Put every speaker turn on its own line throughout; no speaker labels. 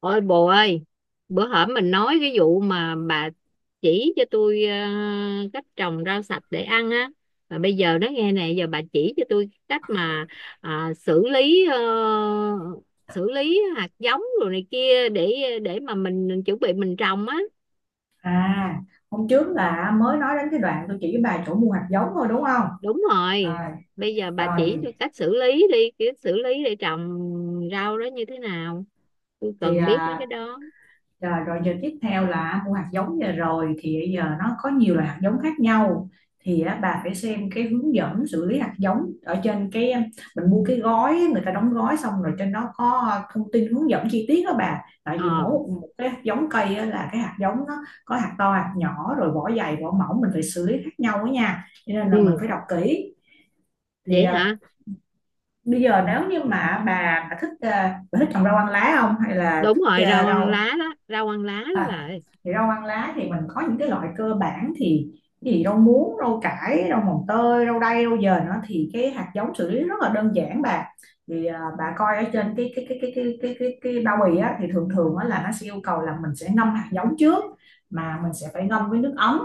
Ôi bồ ơi, bữa hổm mình nói cái vụ mà bà chỉ cho tôi cách trồng rau sạch để ăn á. Mà bây giờ nó nghe nè, giờ bà chỉ cho tôi cách mà à, xử lý ờ, xử lý hạt giống rồi này kia để mà mình chuẩn bị mình trồng á.
À, hôm trước là mới nói đến cái đoạn tôi chỉ bà chỗ mua hạt giống thôi đúng không?
Đúng rồi.
À,
Bây giờ bà
rồi
chỉ tôi cách xử lý đi, cái xử lý để trồng rau đó như thế nào. Tôi
thì
cần biết mấy cái
à,
đó.
rồi giờ tiếp theo là mua hạt giống, giờ rồi thì giờ nó có nhiều loại hạt giống khác nhau thì á, bà phải xem cái hướng dẫn xử lý hạt giống ở trên cái à, mình mua cái gói người ta đóng gói xong, rồi trên đó có thông tin hướng dẫn chi tiết đó bà. Tại
Ờ.
vì mỗi một cái hạt giống cây á, là cái hạt giống nó có hạt to hạt nhỏ rồi vỏ dày vỏ mỏng, mình phải xử lý khác nhau đó nha, cho nên là mình
Ừ.
phải đọc kỹ. Thì
Vậy
à,
hả?
bây giờ nếu như mà bà thích bà thích trồng rau ăn lá không, hay là
Đúng rồi,
thích
rau ăn
rau.
lá đó, rau ăn lá đó bà
À,
ơi.
thì rau ăn lá thì mình có những cái loại cơ bản thì rau muống, rau cải, rau mồng tơi, rau đay, rau dền đó, thì cái hạt giống xử lý rất là đơn giản bà. Thì à, bà coi ở trên cái bao bì á, thì thường thường á là nó sẽ yêu cầu là mình sẽ ngâm hạt giống trước, mà mình sẽ phải ngâm với nước ấm.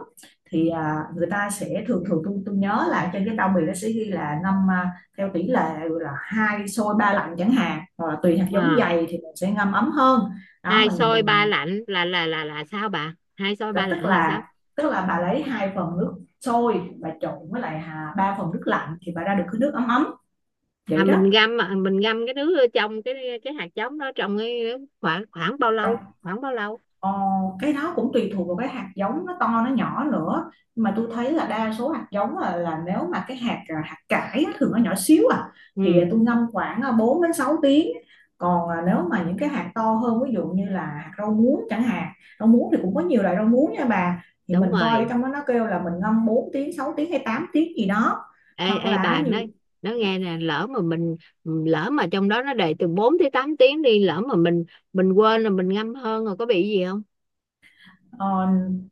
Thì à, người ta sẽ thường thường, tôi nhớ là trên cái bao bì nó sẽ ghi là ngâm à, theo tỷ lệ là hai sôi ba lạnh chẳng hạn, hoặc là tùy hạt giống
à,
dày thì mình sẽ ngâm ấm hơn đó.
Hai
mình
xôi ba
mình
lạnh là sao bà? Hai xôi
và
ba
tức
lạnh là sao?
là tức là bà lấy hai phần nước sôi, bà trộn với lại hà, ba phần nước lạnh thì bà ra được cái nước ấm ấm vậy
Mình
đó.
ngâm à, mình ngâm cái đứa trong cái hạt giống đó trong cái khoảng khoảng bao lâu,
Trong
khoảng bao lâu?
Ờ, cái đó cũng tùy thuộc vào cái hạt giống nó to nó nhỏ nữa, nhưng mà tôi thấy là đa số hạt giống là nếu mà cái hạt à, hạt cải á, thường nó nhỏ xíu à, thì
Ừ,
à, tôi ngâm khoảng à, 4 đến 6 tiếng. Còn à, nếu mà những cái hạt to hơn, ví dụ như là hạt rau muống chẳng hạn, rau muống thì cũng có nhiều loại rau muống nha bà, thì
đúng
mình coi ở
rồi.
trong đó nó kêu là mình ngâm 4 tiếng 6 tiếng hay 8 tiếng gì đó,
ê
hoặc
ê
là
bà
nhiều.
nói, nó nghe nè, lỡ mà trong đó nó để từ 4 tới 8 tiếng đi, lỡ mà mình quên là mình ngâm hơn rồi có bị gì không?
Ờ,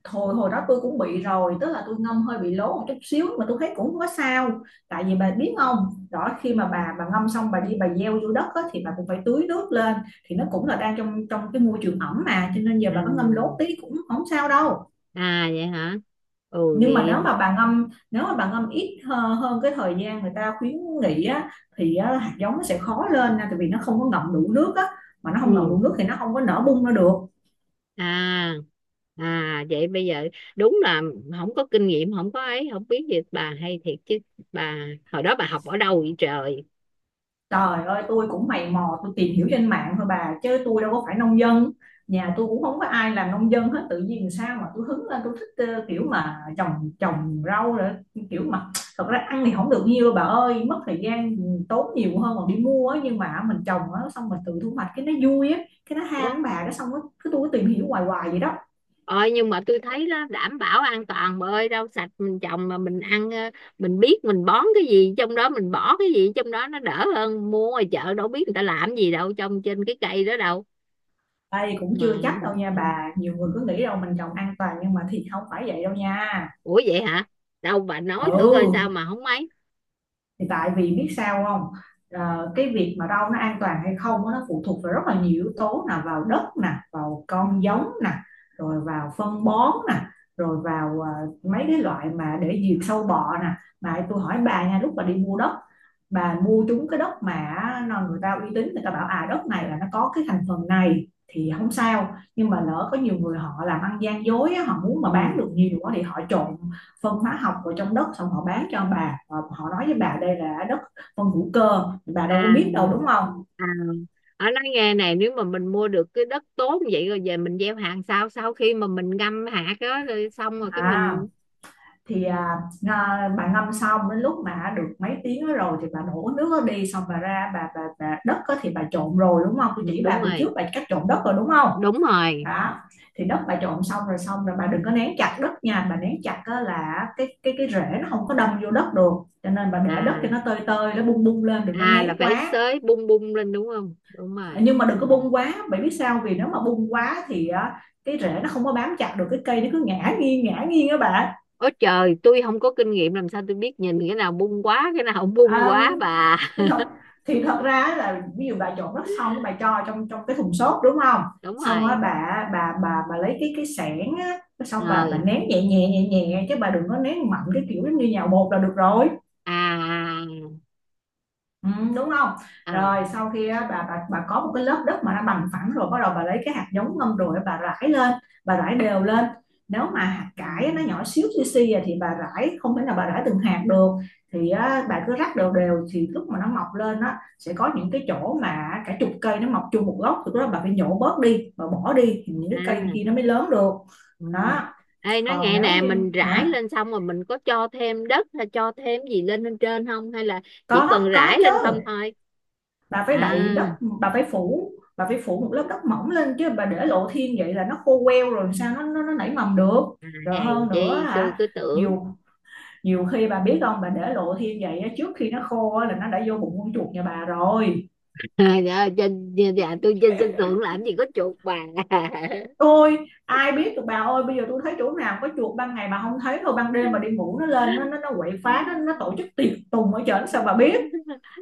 hồi hồi đó tôi cũng bị rồi, tức là tôi ngâm hơi bị lố một chút xíu mà tôi thấy cũng không có sao. Tại vì bà biết không, đó khi mà bà ngâm xong bà đi bà gieo vô đất á, thì bà cũng phải tưới nước lên, thì nó cũng là đang trong trong cái môi trường ẩm mà, cho nên giờ
À,
bà có ngâm lố tí cũng không sao đâu.
à vậy hả. Ừ
Nhưng mà nếu
vậy.
mà bà ngâm, nếu mà bà ngâm ít hơn cái thời gian người ta khuyến nghị á, thì á, hạt giống nó sẽ khó lên nha, tại vì nó không có ngậm đủ nước á, mà nó không ngậm
Ừ.
đủ nước thì nó không có nở bung ra được.
À, à vậy bây giờ. Đúng là không có kinh nghiệm, không có ấy, không biết gì. Bà hay thiệt chứ. Bà hồi đó bà học ở đâu vậy trời?
Trời ơi, tôi cũng mày mò, tôi tìm hiểu trên mạng thôi bà, chứ tôi đâu có phải nông dân. Nhà tôi cũng không có ai làm nông dân hết, tự nhiên sao mà tôi hứng lên, tôi thích kiểu mà trồng trồng rau rồi, kiểu mà, thật ra ăn thì không được nhiều đâu bà ơi, mất thời gian tốn nhiều hơn còn đi mua ấy, nhưng mà mình trồng á, xong mình tự thu hoạch cái nó vui á, cái nó ham
Ủa,
á bà, cái xong á, cứ tôi cứ tìm hiểu hoài hoài vậy đó.
ôi nhưng mà tôi thấy đó đảm bảo an toàn bà ơi. Rau sạch mình trồng mà mình ăn, mình biết mình bón cái gì trong đó, mình bỏ cái gì trong đó, nó đỡ hơn mua ngoài chợ, đâu biết người ta làm gì đâu trong trên cái cây đó đâu.
Đây cũng
Ờ,
chưa chắc đâu nha bà, nhiều người cứ nghĩ đâu mình trồng an toàn nhưng mà thì không phải vậy đâu nha.
ủa vậy hả? Đâu bà nói thử coi sao
Ừ.
mà không mấy.
Thì tại vì biết sao không, Ờ, cái việc mà rau nó an toàn hay không nó phụ thuộc vào rất là nhiều yếu tố, là vào đất nè, vào con giống nè, rồi vào phân bón nè, rồi vào mấy cái loại mà để diệt sâu bọ nè. Mà tôi hỏi bà nha, lúc bà đi mua đất, bà mua trúng cái đất mà người ta uy tín, người ta bảo à đất này là nó có cái thành phần này thì không sao, nhưng mà lỡ có nhiều người họ làm ăn gian dối, họ muốn mà bán
Ừ.
được nhiều quá thì họ trộn phân hóa học vào trong đất, xong họ bán cho ông bà họ, nói với bà đây là đất phân hữu cơ, bà
À.
đâu có biết đâu đúng không.
À, ở nói nghe này, nếu mà mình mua được cái đất tốt như vậy rồi về mình gieo hạt sau sau khi mà mình ngâm hạt đó rồi xong rồi cái
À
mình...
thì à, à, bà ngâm xong đến lúc mà được mấy tiếng đó rồi thì bà đổ nước đó đi, xong bà ra bà đất đó thì bà trộn rồi đúng không, tôi
Ừ,
chỉ
đúng
bà buổi trước
rồi,
bà cách trộn đất rồi đúng không.
đúng rồi.
Đó, thì đất bà trộn xong rồi, xong rồi bà đừng có nén chặt đất nha bà, nén chặt là cái rễ nó không có đâm vô đất được, cho nên bà để đất cho nó
À,
tơi tơi, nó bung bung lên, đừng có
à là
nén
phải
quá.
xới bung bung lên đúng không? Đúng rồi.
Nhưng mà đừng
Ừ.
có bung quá bạn biết sao, vì nếu mà bung quá thì cái rễ nó không có bám chặt được, cái cây nó cứ ngã nghiêng các bạn.
Ôi trời, tôi không có kinh nghiệm làm sao tôi biết nhìn cái nào bung quá, cái nào không bung
À,
quá bà?
thì thật thì thật ra là, ví dụ bà trộn đất xong bà cho trong trong cái thùng xốp đúng không,
Đúng
xong á
rồi.
bà lấy cái xẻng á, xong bà
Ờ.
nén nhẹ nhẹ nhẹ nhẹ chứ bà đừng có nén mạnh, cái kiểu giống như nhào bột là được rồi.
À,
Ừ, đúng không?
à, à.
Rồi sau khi á, bà có một cái lớp đất mà nó bằng phẳng rồi, bắt đầu bà lấy cái hạt giống ngâm rồi bà rải lên, bà rải đều lên. Nếu mà hạt
Ừ.
cải á, nó nhỏ xíu xì xì à, thì bà rải không thể nào bà rải từng hạt được. Thì á, bà cứ rắc đều đều thì lúc mà nó mọc lên á sẽ có những cái chỗ mà cả chục cây nó mọc chung một gốc, thì lúc đó bà phải nhổ bớt đi, bà bỏ đi thì những cái cây kia
À.
nó mới lớn được.
Ừ.
Đó,
Ê nói
còn
nghe
nếu
nè,
như
mình rải
hả?
lên xong rồi mình có cho thêm đất hay cho thêm gì lên bên trên không, hay là chỉ cần
Có
rải lên
chứ.
không thôi?
Bà phải
À,
đậy đất, bà phải phủ, bà phải phủ một lớp đất mỏng lên, chứ bà để lộ thiên vậy là nó khô queo rồi sao nó nảy mầm được.
à,
Rồi
hèn
hơn nữa
chi tôi
hả,
cứ tưởng.
nhiều, nhiều khi bà biết không, bà để lộ thiên vậy trước khi nó khô là nó đã vô bụng con chuột nhà bà rồi.
À, dạ, trên dạ, tôi trên sân thượng làm gì có chuột bà.
Ôi, ai biết được bà ơi, bây giờ tôi thấy chỗ nào có chuột, ban ngày bà không thấy thôi, ban đêm bà đi ngủ nó lên nó quậy phá, nó tổ chức tiệc tùng ở trển sao bà biết.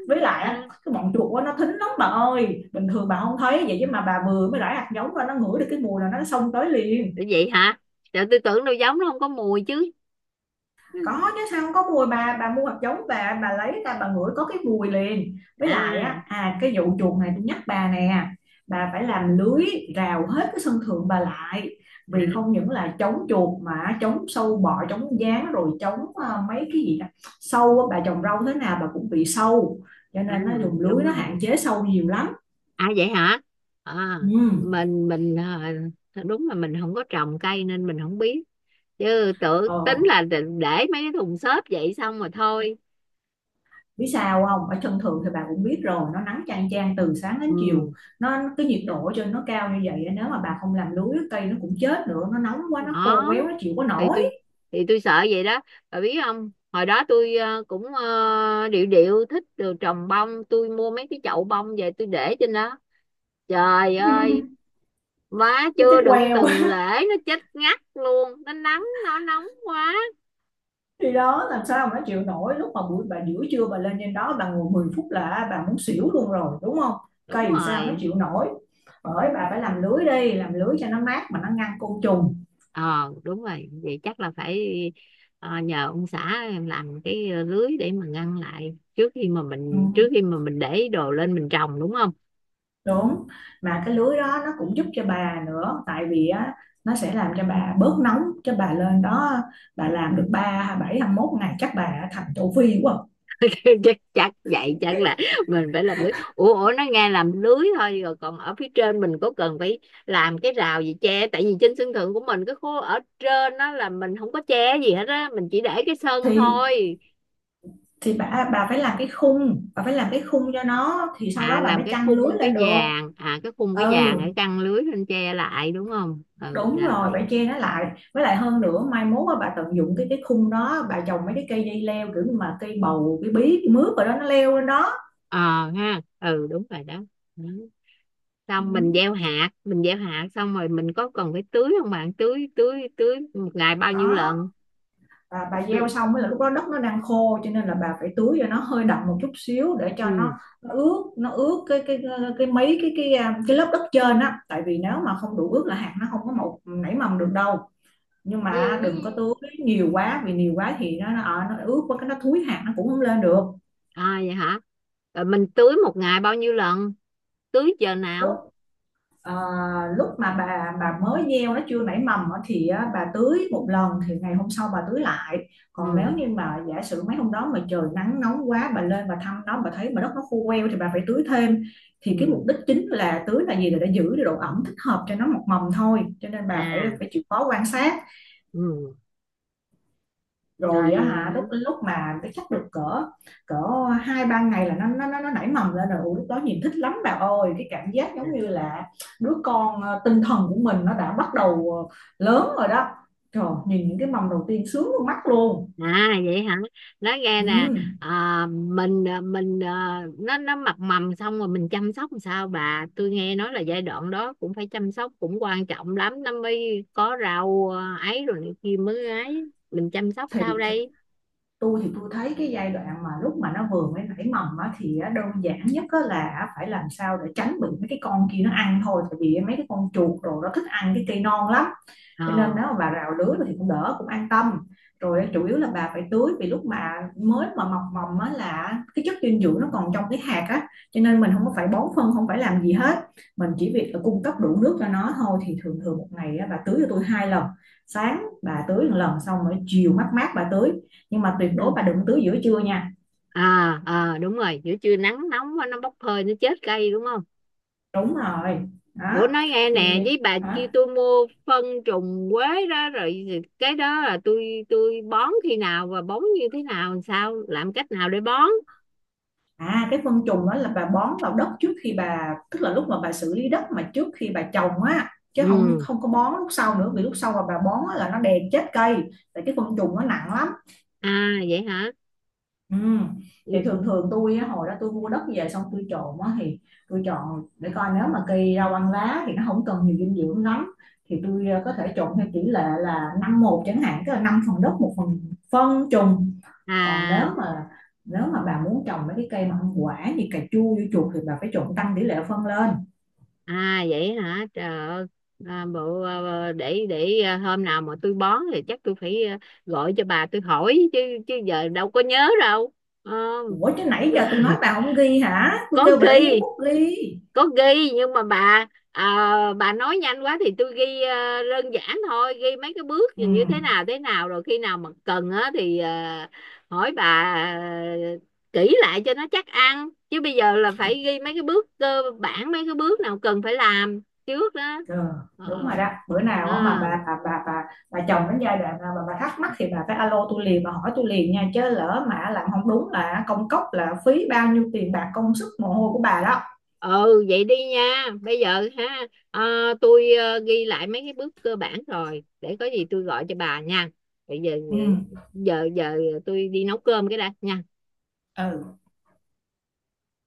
Với lại
À,
cái bọn chuột á, nó thính lắm bà ơi, bình thường bà không thấy vậy chứ mà bà vừa mới rải hạt giống ra nó ngửi được cái mùi là nó xông tới liền.
vậy hả? Trời tôi tưởng đâu giống nó không có mùi chứ.
Có chứ, sao không có mùi bà mua hạt giống bà lấy ra bà ngửi có cái mùi liền. Với lại
À,
á à, cái vụ chuột này tôi nhắc bà nè, bà phải làm lưới rào hết cái sân thượng bà lại,
à,
vì không những là chống chuột mà chống sâu bọ, chống gián, rồi chống mấy cái gì đó, sâu á, bà trồng rau thế nào bà cũng bị sâu, cho
à
nên nó dùng lưới
đúng
nó hạn
rồi.
chế sâu nhiều lắm.
À vậy hả? À,
Ừ.
mình đúng là mình không có trồng cây nên mình không biết. Chứ tự
Ờ,
tính là để mấy cái thùng xốp vậy xong rồi thôi.
biết sao không, ở chân thường thì bà cũng biết rồi, nó nắng chang chang từ sáng đến chiều,
Ừ
nó cái nhiệt độ ở trên nó cao như vậy, nếu mà bà không làm lưới cây nó cũng chết nữa, nó nóng quá, nó khô
đó,
quéo, nó chịu có
thì
nổi.
tôi thì tôi sợ vậy đó. Bà biết không, hồi đó tôi cũng điệu điệu thích được trồng bông, tôi mua mấy cái chậu bông về tôi để trên đó. Trời ơi má,
Nó chết
chưa đựng
queo.
từng lễ nó chết ngắt luôn, nó nắng nó nóng quá.
Thì đó, làm sao mà nó chịu nổi, lúc mà buổi bà giữa trưa bà lên trên đó bà ngồi 10 phút là bà muốn xỉu luôn rồi đúng không,
Đúng
cây sao nó
rồi.
chịu nổi. Bởi bà phải làm lưới đi, làm lưới cho nó mát mà nó ngăn côn trùng.
Ờ Đúng rồi, vậy chắc là phải nhờ ông xã em làm cái lưới để mà ngăn lại trước khi mà
Ừ.
mình trước khi mà mình để đồ lên mình trồng đúng không?
Đúng, mà cái lưới đó nó cũng giúp cho bà nữa, tại vì á nó sẽ làm cho bà bớt nóng, cho bà lên đó bà làm được 3 27 mốt ngày chắc bà thành châu Phi quá.
chắc chắc vậy chắc là mình phải làm lưới. Ủa, ủa nó nghe làm lưới thôi rồi còn ở phía trên mình có cần phải làm cái rào gì che, tại vì trên sân thượng của mình cái khu ở trên đó là mình không có che gì hết á, mình chỉ để cái sân
Thì
thôi.
thì bà phải làm cái khung, bà phải làm cái khung cho nó thì sau
À
đó bà
làm
mới
cái
chăng lưới
khung cái
lên được.
vàng,
Ừ,
để căng lưới lên che lại đúng không? Ừ
đúng rồi,
rồi.
phải che nó lại. Với lại hơn nữa mai mốt á, bà tận dụng cái khung đó, bà trồng mấy cái cây dây leo kiểu như mà cây bầu, cây bí, cây mướp rồi đó nó leo lên đó.
Ờ ha, ừ đúng rồi đó. Ừ.
Ừ,
Xong mình gieo hạt, xong rồi mình có cần phải tưới không bạn? Tưới tưới tưới một ngày bao nhiêu
đó.
lần
Và bà
tưới?
gieo xong mới là lúc đó đất nó đang khô, cho nên là bà phải tưới cho nó hơi đậm một chút xíu để cho nó,
Ừ.
nó ướt, nó ướt cái mấy cái à, cái lớp đất trên á, tại vì nếu mà không đủ ướt là hạt nó không có mọc nảy mầm được đâu. Nhưng mà đừng có
Vậy.
tưới nhiều quá, vì nhiều quá thì nó ướt quá cái nó thúi hạt nó cũng không lên được.
À vậy hả? Rồi mình tưới một ngày bao nhiêu lần, tưới giờ
Đúng.
nào?
Ờ, lúc mà bà mới gieo nó chưa nảy mầm á, thì á, bà tưới một lần thì ngày hôm sau bà tưới lại. Còn nếu
Ừ.
như mà giả sử mấy hôm đó mà trời nắng nóng quá, bà lên bà thăm nó, bà thấy mà đất nó khô queo thì bà phải tưới thêm. Thì cái mục
Ừ.
đích chính là tưới là gì, là để giữ được độ ẩm thích hợp cho nó mọc mầm thôi, cho nên bà phải
À.
phải chịu khó quan sát.
Ừ
Rồi á hả, lúc
rồi.
lúc mà nó chắc được cỡ cỡ hai ba ngày là nó nảy mầm lên rồi. Ủa, lúc đó nhìn thích lắm bà ơi, cái cảm giác
À.
giống như là đứa con ờ, tinh thần của mình nó đã bắt đầu ờ, lớn rồi đó. Trời, nhìn những cái mầm đầu tiên sướng luôn, mắt luôn.
À vậy hả? Nói nghe nè,
Ừ.
nó mập mầm xong rồi mình chăm sóc làm sao bà? Tôi nghe nói là giai đoạn đó cũng phải chăm sóc cũng quan trọng lắm nó mới có rau ấy rồi này kia mới ấy. Mình chăm sóc
thì
sao
th-
đây?
tôi thì tôi thấy cái giai đoạn mà lúc mà nó vừa mới nảy mầm á, thì á, đơn giản nhất á là phải làm sao để tránh bị mấy cái con kia nó ăn thôi, tại vì mấy cái con chuột đồ nó thích ăn cái cây non lắm.
Ờ.
Cho nên nếu mà bà rào lứa thì cũng đỡ, cũng an tâm. Rồi chủ yếu là bà phải tưới, vì lúc mà mới mọc mầm á là cái chất dinh dưỡng nó còn trong cái hạt á, cho nên mình không có phải bón phân, không phải làm gì hết. Mình chỉ việc là cung cấp đủ nước cho nó thôi. Thì thường thường một ngày á, bà tưới cho tôi hai lần. Sáng bà tưới một lần, xong rồi chiều mát mát bà tưới. Nhưng mà tuyệt đối
Ừ.
bà đừng tưới giữa trưa nha.
À, à đúng rồi, giữa trưa nắng nóng quá, nó bốc hơi nó chết cây đúng không?
Đúng rồi
Ủa
đó.
nói nghe
Thì
nè, với bà kia
đó
tôi mua phân trùng quế đó rồi, cái đó là tôi bón khi nào và bón như thế nào, làm cách nào để bón?
À, cái phân trùng đó là bà bón vào đất trước khi bà, tức là lúc mà bà xử lý đất mà trước khi bà trồng á, chứ không,
Ừ.
không có bón lúc sau nữa, vì lúc sau mà bà bón á, là nó đè chết cây. Tại cái phân trùng nó nặng lắm.
À vậy hả?
Ừ. Thì
Ừ,
thường thường tôi á, hồi đó tôi mua đất về xong tôi trộn á, thì tôi chọn để coi nếu mà cây rau ăn lá thì nó không cần nhiều dinh dưỡng lắm, thì tôi có thể trộn theo tỷ lệ là năm một chẳng hạn, tức là năm phần đất một phần phân trùng. Còn
à,
nếu mà bà muốn trồng mấy cái cây mà không quả như cà chua dưa chuột thì bà phải trộn tăng tỷ lệ phân lên.
à vậy hả trời ơi. Bộ, để hôm nào mà tôi bón thì chắc tôi phải gọi cho bà tôi hỏi chứ. Chứ giờ đâu có nhớ đâu.
Ủa chứ
Ờ.
nãy giờ tôi nói bà không ghi hả, tôi
Có
kêu bà lấy giấy
ghi,
bút ghi.
có ghi nhưng mà bà à, nói nhanh quá thì tôi ghi đơn giản thôi, ghi mấy cái bước
Ừ,
như thế nào rồi khi nào mà cần á thì hỏi bà ờ, kỹ lại cho nó chắc ăn, chứ bây giờ là phải ghi mấy cái bước cơ bản mấy cái bước nào cần phải làm trước đó.
ừ
Ờ.
đúng rồi đó. Bữa
À.
nào mà bà chồng đến giai đoạn nào mà bà thắc mắc thì bà phải alo tôi liền, bà hỏi tôi liền nha, chứ lỡ mà làm không đúng là công cốc, là phí bao nhiêu tiền bạc công sức mồ hôi của bà đó.
Ừ vậy đi nha, bây giờ ha, tôi ghi lại mấy cái bước cơ bản rồi để có gì tôi gọi cho bà nha. Bây giờ
Ừ.
giờ giờ tôi đi nấu cơm cái đã nha.
Ừ.